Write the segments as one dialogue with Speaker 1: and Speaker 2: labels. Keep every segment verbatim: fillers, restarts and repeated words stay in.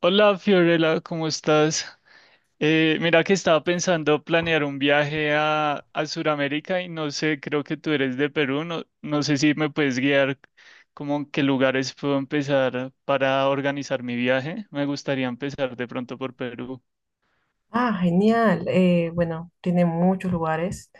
Speaker 1: Hola Fiorella, ¿cómo estás? Eh, mira que estaba pensando planear un viaje a, a Sudamérica y no sé, creo que tú eres de Perú, no, no sé si me puedes guiar como en qué lugares puedo empezar para organizar mi viaje. Me gustaría empezar de pronto por Perú.
Speaker 2: Ah, genial. Eh, bueno, tiene muchos lugares.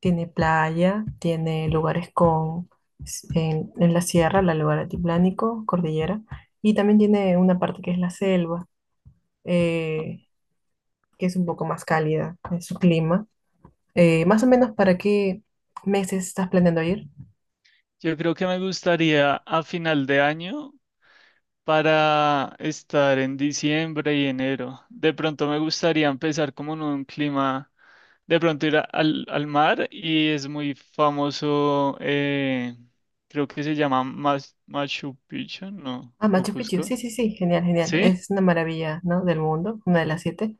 Speaker 2: Tiene playa, tiene lugares con s- en, en la sierra, la lugar altiplánico, cordillera, y también tiene una parte que es la selva,
Speaker 1: ¿No?
Speaker 2: eh, que es un poco más cálida en su clima. Eh, más o menos, ¿para qué meses estás planeando ir?
Speaker 1: Yo creo que me gustaría a final de año para estar en diciembre y enero. De pronto me gustaría empezar como en un clima de pronto ir a- al, al mar y es muy famoso, eh, creo que se llama Mas- Machu Picchu, ¿no?
Speaker 2: Ah,
Speaker 1: O
Speaker 2: Machu Picchu.
Speaker 1: Cusco.
Speaker 2: Sí, sí, sí. Genial, genial.
Speaker 1: Sí,
Speaker 2: Es una maravilla, ¿no? Del mundo, una de las siete.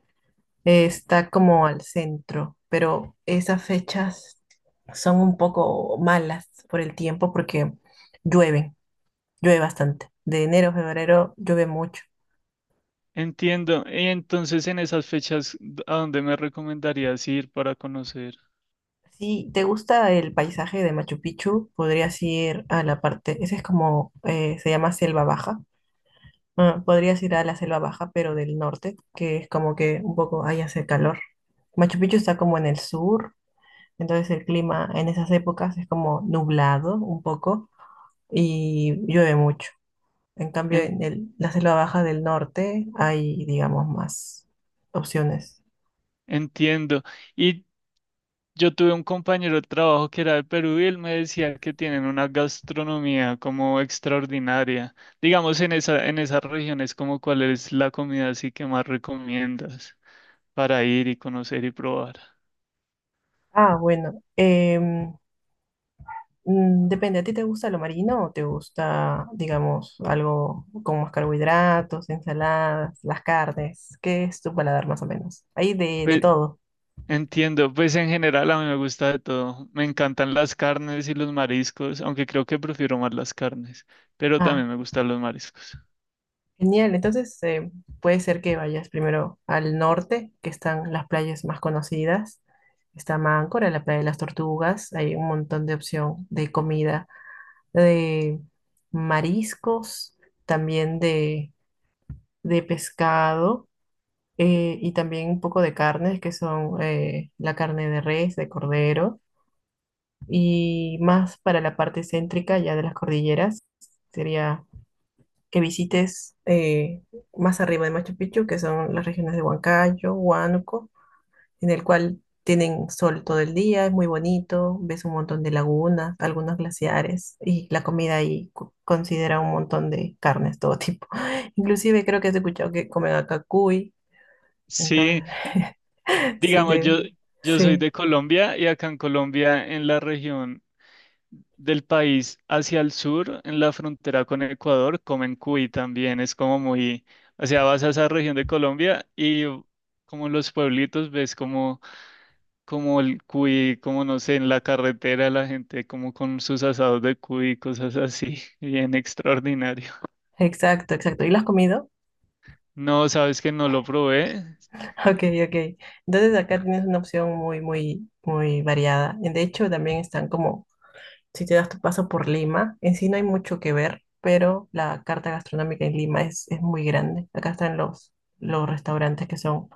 Speaker 2: eh, Está como al centro, pero esas fechas son un poco malas por el tiempo porque llueven, llueve bastante. De enero a febrero llueve mucho.
Speaker 1: entiendo. Y entonces en esas fechas, ¿a dónde me recomendarías ir para conocer?
Speaker 2: Si te gusta el paisaje de Machu Picchu, podrías ir a la parte, ese es como, eh, se llama Selva Baja. Ah, podrías ir a la Selva Baja, pero del norte, que es como que un poco ahí hace calor. Machu Picchu está como en el sur, entonces el clima en esas épocas es como nublado un poco y llueve mucho. En cambio,
Speaker 1: En-
Speaker 2: en el- la selva baja del norte hay, digamos, más opciones.
Speaker 1: Entiendo. Y yo tuve un compañero de trabajo que era de Perú y él me decía que tienen una gastronomía como extraordinaria. Digamos, en esa, en esas regiones, como cuál es la comida así que más recomiendas para ir y conocer y probar.
Speaker 2: Ah, bueno, em, mm, depende. ¿A ti te gusta lo marino o te gusta, digamos, algo con más carbohidratos, ensaladas, las carnes? ¿Qué es tu paladar más o menos? Hay de, de,
Speaker 1: Pues
Speaker 2: todo.
Speaker 1: entiendo, pues en general a mí me gusta de todo. Me encantan las carnes y los mariscos, aunque creo que prefiero más las carnes, pero
Speaker 2: Ah.
Speaker 1: también me gustan los mariscos.
Speaker 2: Genial, entonces eh, puede ser que vayas primero al norte, que están las playas más conocidas. Está Máncora, la playa de las tortugas, hay un montón de opción de comida, de mariscos, también de, de pescado, eh, y también un poco de carnes, que son eh, la carne de res, de cordero, y más para la parte céntrica ya de las cordilleras, sería que visites eh, más arriba de Machu Picchu, que son las regiones de Huancayo, Huánuco, en el cual tienen sol todo el día, es muy bonito, ves un montón de lagunas, algunos glaciares y la comida ahí co- considera un montón de carnes, todo tipo. Inclusive creo que has escuchado que comen acá cuy, entonces
Speaker 1: Sí,
Speaker 2: sí,
Speaker 1: digamos,
Speaker 2: te-
Speaker 1: yo, yo soy
Speaker 2: sí,
Speaker 1: de Colombia y acá en Colombia, en la región del país hacia el sur, en la frontera con Ecuador, comen cuy también. Es como muy, o sea, vas a esa región de Colombia y como los pueblitos ves como como el cuy, como no sé, en la carretera la gente como con sus asados de cuy, cosas así, bien extraordinario.
Speaker 2: exacto, exacto. ¿Y lo has comido?
Speaker 1: No, sabes que no lo probé.
Speaker 2: Ok, ok. Entonces acá tienes una opción muy, muy, muy variada. De hecho, también están como si te das tu paso por Lima. En sí no hay mucho que ver, pero la carta gastronómica en Lima es, es muy grande. Acá están los, los restaurantes que son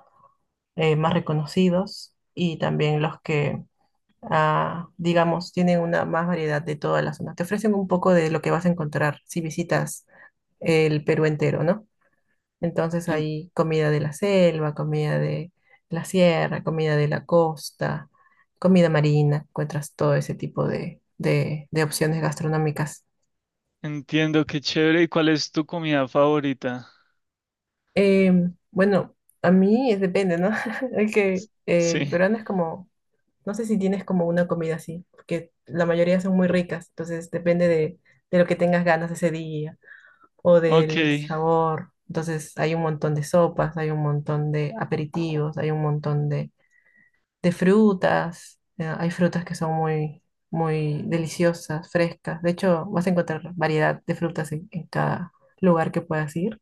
Speaker 2: eh, más reconocidos y también los que, ah, digamos, tienen una más variedad de toda la zona. Te ofrecen un poco de lo que vas a encontrar si visitas el Perú entero, ¿no? Entonces
Speaker 1: En-
Speaker 2: hay comida de la selva, comida de la sierra, comida de la costa, comida marina. Encuentras todo ese tipo de, de- de opciones gastronómicas.
Speaker 1: Entiendo, qué chévere. ¿Y cuál es tu comida favorita?
Speaker 2: Eh, bueno, a mí es- depende, ¿no? Es que eh, el
Speaker 1: Sí,
Speaker 2: peruano es como, no sé si tienes como una comida así, porque la mayoría son muy ricas, entonces depende de, de, lo que tengas ganas ese día o
Speaker 1: ok,
Speaker 2: del
Speaker 1: qué
Speaker 2: sabor. Entonces hay un montón de sopas, hay un montón de aperitivos, hay un montón de, de, frutas. Eh, hay frutas que son muy, muy deliciosas, frescas. De hecho, vas a encontrar variedad de frutas en, en cada lugar que puedas ir.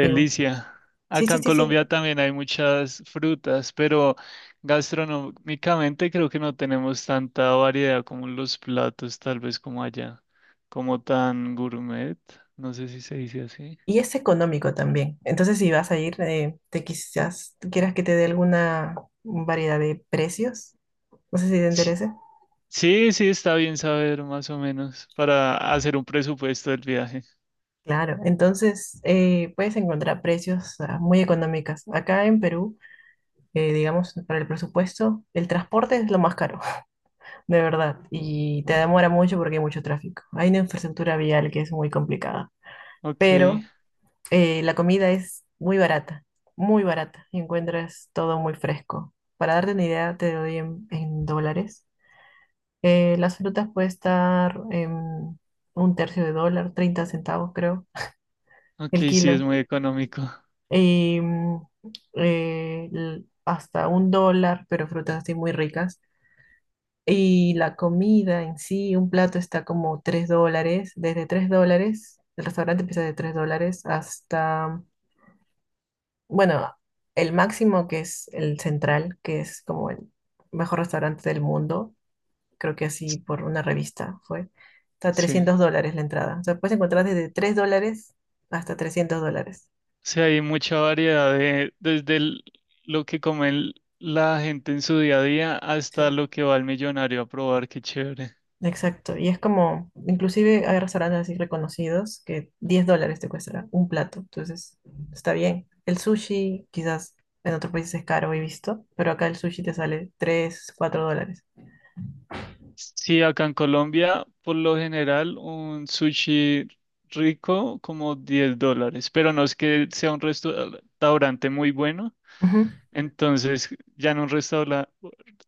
Speaker 2: Y bueno, sí,
Speaker 1: Acá
Speaker 2: sí,
Speaker 1: en
Speaker 2: sí, sí.
Speaker 1: Colombia también hay muchas frutas, pero gastronómicamente creo que no tenemos tanta variedad como en los platos, tal vez como allá, como tan gourmet, no sé si se dice así.
Speaker 2: Y es económico también. Entonces, si vas a ir, eh, te quizás quieras que te dé alguna variedad de precios. No sé si te interesa.
Speaker 1: Sí, sí, está bien saber más o menos para hacer un presupuesto del viaje.
Speaker 2: Claro, entonces eh, puedes encontrar precios, ah, muy económicas. Acá en Perú, eh, digamos, para el presupuesto, el transporte es lo más caro, de verdad, y te demora mucho porque hay mucho tráfico. Hay una infraestructura vial que es muy complicada,
Speaker 1: Ok,
Speaker 2: pero eh, la comida es muy barata, muy barata, y encuentras todo muy fresco. Para darte una idea, te doy en, en dólares. Eh, las frutas puede estar en un tercio de dólar, treinta centavos creo,
Speaker 1: ok,
Speaker 2: el
Speaker 1: sí, es
Speaker 2: kilo.
Speaker 1: muy económico.
Speaker 2: Y mm, eh, l- hasta un dólar, pero frutas así muy ricas. Y la comida en sí, un plato está como tres dólares, desde tres dólares, el restaurante empieza de tres dólares hasta, bueno, el máximo, que es el Central, que es como el mejor restaurante del mundo, creo que así por una revista fue, está
Speaker 1: Sí.
Speaker 2: trescientos dólares la entrada. O sea, puedes encontrar desde tres dólares hasta trescientos dólares.
Speaker 1: Sí, hay mucha variedad de, desde el- lo que come el- la gente en su día a día hasta
Speaker 2: Sí.
Speaker 1: lo que va el millonario a probar, qué chévere.
Speaker 2: Exacto, y es como, inclusive hay restaurantes así reconocidos que diez dólares te cuesta un plato, entonces está bien. El sushi quizás en otros países es caro, he visto, pero acá el sushi te sale tres, cuatro dólares.
Speaker 1: Sí, acá en Colombia, por lo general, un sushi rico como diez dólares, pero no es que sea un restaurante muy bueno. Entonces, ya en un restaurante,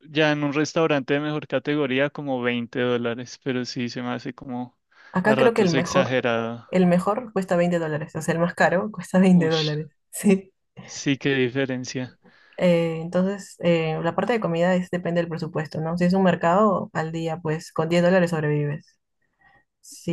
Speaker 1: ya en un restaurante de mejor categoría, como veinte dólares, pero sí se me hace como a
Speaker 2: Acá creo que el
Speaker 1: ratos
Speaker 2: mejor,
Speaker 1: exagerado.
Speaker 2: el mejor cuesta veinte dólares. O sea, el más caro cuesta veinte
Speaker 1: Ush,
Speaker 2: dólares, sí.
Speaker 1: sí, qué diferencia.
Speaker 2: Eh, entonces, eh, la parte de comida es, depende del presupuesto, ¿no? Si es un mercado al día, pues con diez dólares sobrevives.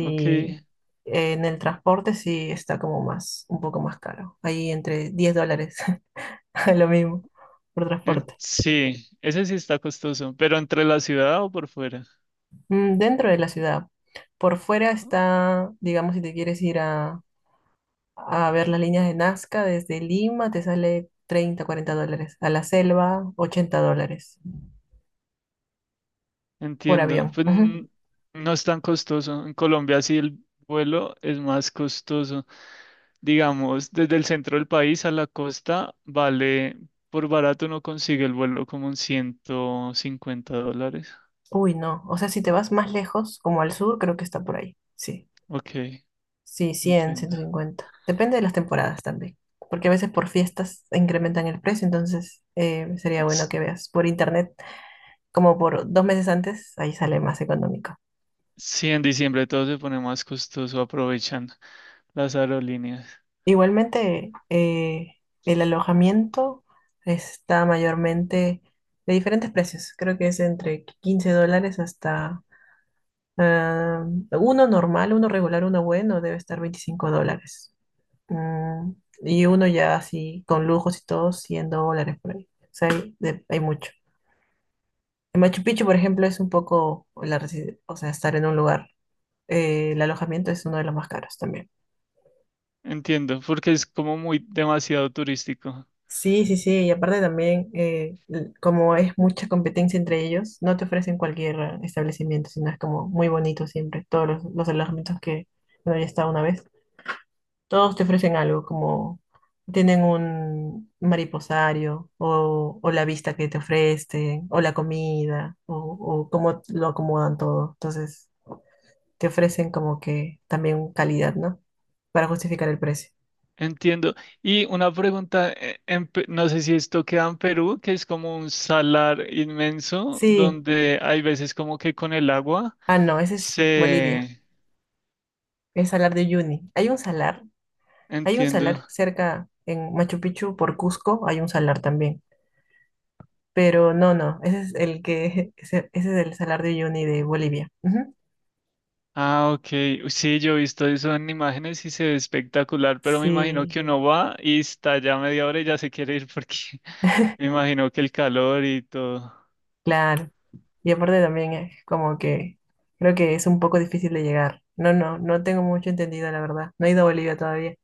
Speaker 1: Ok,
Speaker 2: eh, en el transporte sí está como más, un poco más caro, ahí entre diez dólares, lo mismo, por
Speaker 1: en-
Speaker 2: transporte.
Speaker 1: sí, ese sí está costoso, pero entre la ciudad o por fuera.
Speaker 2: Mm, dentro de la ciudad, por fuera está, digamos, si te quieres ir a a ver las líneas de Nazca desde Lima, te sale treinta cuarenta dólares. A la selva, ochenta dólares por
Speaker 1: Entiendo.
Speaker 2: avión.
Speaker 1: Pues
Speaker 2: Ujú.
Speaker 1: n- no es tan costoso. En Colombia sí el vuelo es más costoso. Digamos, desde el centro del país a la costa vale, por barato uno consigue el vuelo como en ciento cincuenta dólares.
Speaker 2: Uy, no. O sea, si te vas más lejos, como al sur, creo que está por ahí. Sí.
Speaker 1: Ok,
Speaker 2: Sí, cien ciento
Speaker 1: entiendo.
Speaker 2: cincuenta Depende de las temporadas también. Porque a veces por fiestas incrementan el precio, entonces eh, sería bueno
Speaker 1: S-
Speaker 2: que veas por internet, como por dos meses antes, ahí sale más económico.
Speaker 1: Sí, en diciembre todo se pone más costoso, aprovechan las aerolíneas.
Speaker 2: Igualmente, eh, el alojamiento está mayormente de diferentes precios. Creo que es entre quince dólares hasta, ah, uno normal, uno regular, uno bueno, debe estar veinticinco dólares. Mm, y uno ya así, con lujos y todo, cien dólares por ahí. O sea, hay, de- hay mucho. En Machu Picchu, por ejemplo, es un poco, la, resi- o sea, estar en un lugar. Eh, el alojamiento es uno de los más caros también.
Speaker 1: Entiendo, porque es como muy demasiado turístico.
Speaker 2: Sí, sí, sí, y aparte también, eh, l- como es mucha competencia entre ellos, no te ofrecen cualquier eh, establecimiento, sino es como muy bonito siempre, todos los, los alojamientos que, bueno, ya estado una vez, todos te ofrecen algo, como tienen un mariposario, o, o la vista que te ofrecen, o la comida, o, o cómo lo acomodan todo, entonces te ofrecen como que también calidad, ¿no? Para justificar el precio.
Speaker 1: Entiendo. Y una pregunta, eh, en Pe- no sé si esto queda en Perú, que es como un salar inmenso,
Speaker 2: Sí,
Speaker 1: donde hay veces como que con el agua
Speaker 2: ah, no, ese es Bolivia.
Speaker 1: se...
Speaker 2: El salar de Uyuni. Hay un salar, hay un salar
Speaker 1: Entiendo.
Speaker 2: cerca en Machu Picchu por Cusco, hay un salar también. Pero no, no, ese es el que, ese, ese es el salar de Uyuni de Bolivia. Ujú.
Speaker 1: Ah, ok. Uy, sí, yo he visto eso en imágenes y se ve espectacular, pero me imagino
Speaker 2: Sí,
Speaker 1: que uno va y está ya media hora y ya se quiere ir porque me imagino que el calor y todo.
Speaker 2: claro. Y aparte también es como que creo que es un poco difícil de llegar. No, no, no tengo mucho entendido, la verdad. No he ido a Bolivia todavía.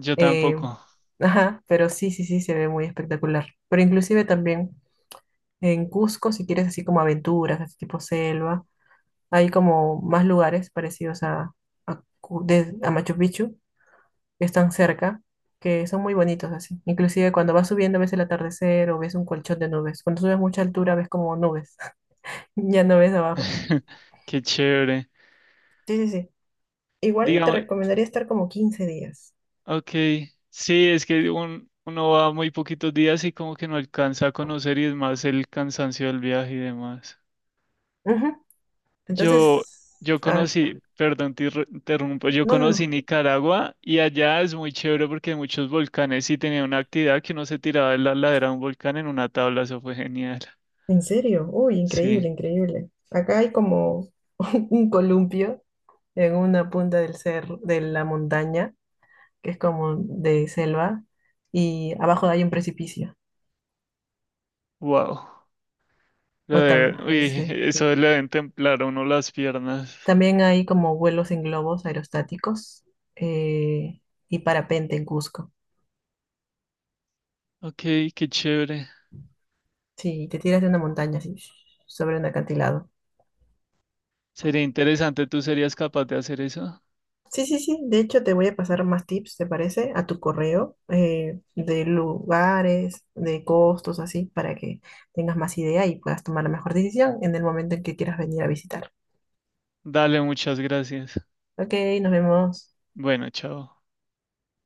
Speaker 1: Yo
Speaker 2: Eh,
Speaker 1: tampoco.
Speaker 2: ajá, pero sí, sí, sí, se ve muy espectacular. Pero inclusive también en Cusco, si quieres así como aventuras, así tipo selva. Hay como más lugares parecidos a, a, Cu- de- a Machu Picchu, que están cerca, que son muy bonitos así. Inclusive cuando vas subiendo ves el atardecer o ves un colchón de nubes. Cuando subes mucha altura ves como nubes, ya no ves abajo.
Speaker 1: Qué chévere.
Speaker 2: Sí, sí, sí. Igual te
Speaker 1: Digamos,
Speaker 2: recomendaría estar como quince días.
Speaker 1: ok, sí, es que un- uno va muy poquitos días y como que no alcanza a conocer y es más el cansancio del viaje y demás.
Speaker 2: Ujú.
Speaker 1: Yo,
Speaker 2: Entonces,
Speaker 1: yo
Speaker 2: a ver,
Speaker 1: conocí, perdón, te irru- interrumpo, yo
Speaker 2: no, no,
Speaker 1: conocí
Speaker 2: no.
Speaker 1: Nicaragua y allá es muy chévere porque hay muchos volcanes y tenía una actividad que uno se tiraba de la ladera de un volcán en una tabla, eso fue genial.
Speaker 2: ¿En serio? Uy,
Speaker 1: Sí,
Speaker 2: increíble, increíble. Acá hay como un columpio en una punta del cerro, de la montaña, que es como de selva, y abajo hay un precipicio,
Speaker 1: wow. Lo de-
Speaker 2: Ottawa,
Speaker 1: uy,
Speaker 2: sí.
Speaker 1: eso le deben templar a uno las piernas.
Speaker 2: También hay como vuelos en globos aerostáticos eh, y parapente en Cusco.
Speaker 1: Ok, qué chévere.
Speaker 2: Sí, te tiras de una montaña así, sobre un acantilado.
Speaker 1: Sería interesante, ¿tú serías capaz de hacer eso?
Speaker 2: Sí, sí, sí. De hecho, te voy a pasar más tips, ¿te parece? A tu correo, eh, de lugares, de costos, así, para que tengas más idea y puedas tomar la mejor decisión en el momento en que quieras venir a visitar.
Speaker 1: Dale, muchas gracias.
Speaker 2: Ok, nos vemos.
Speaker 1: Bueno, chao.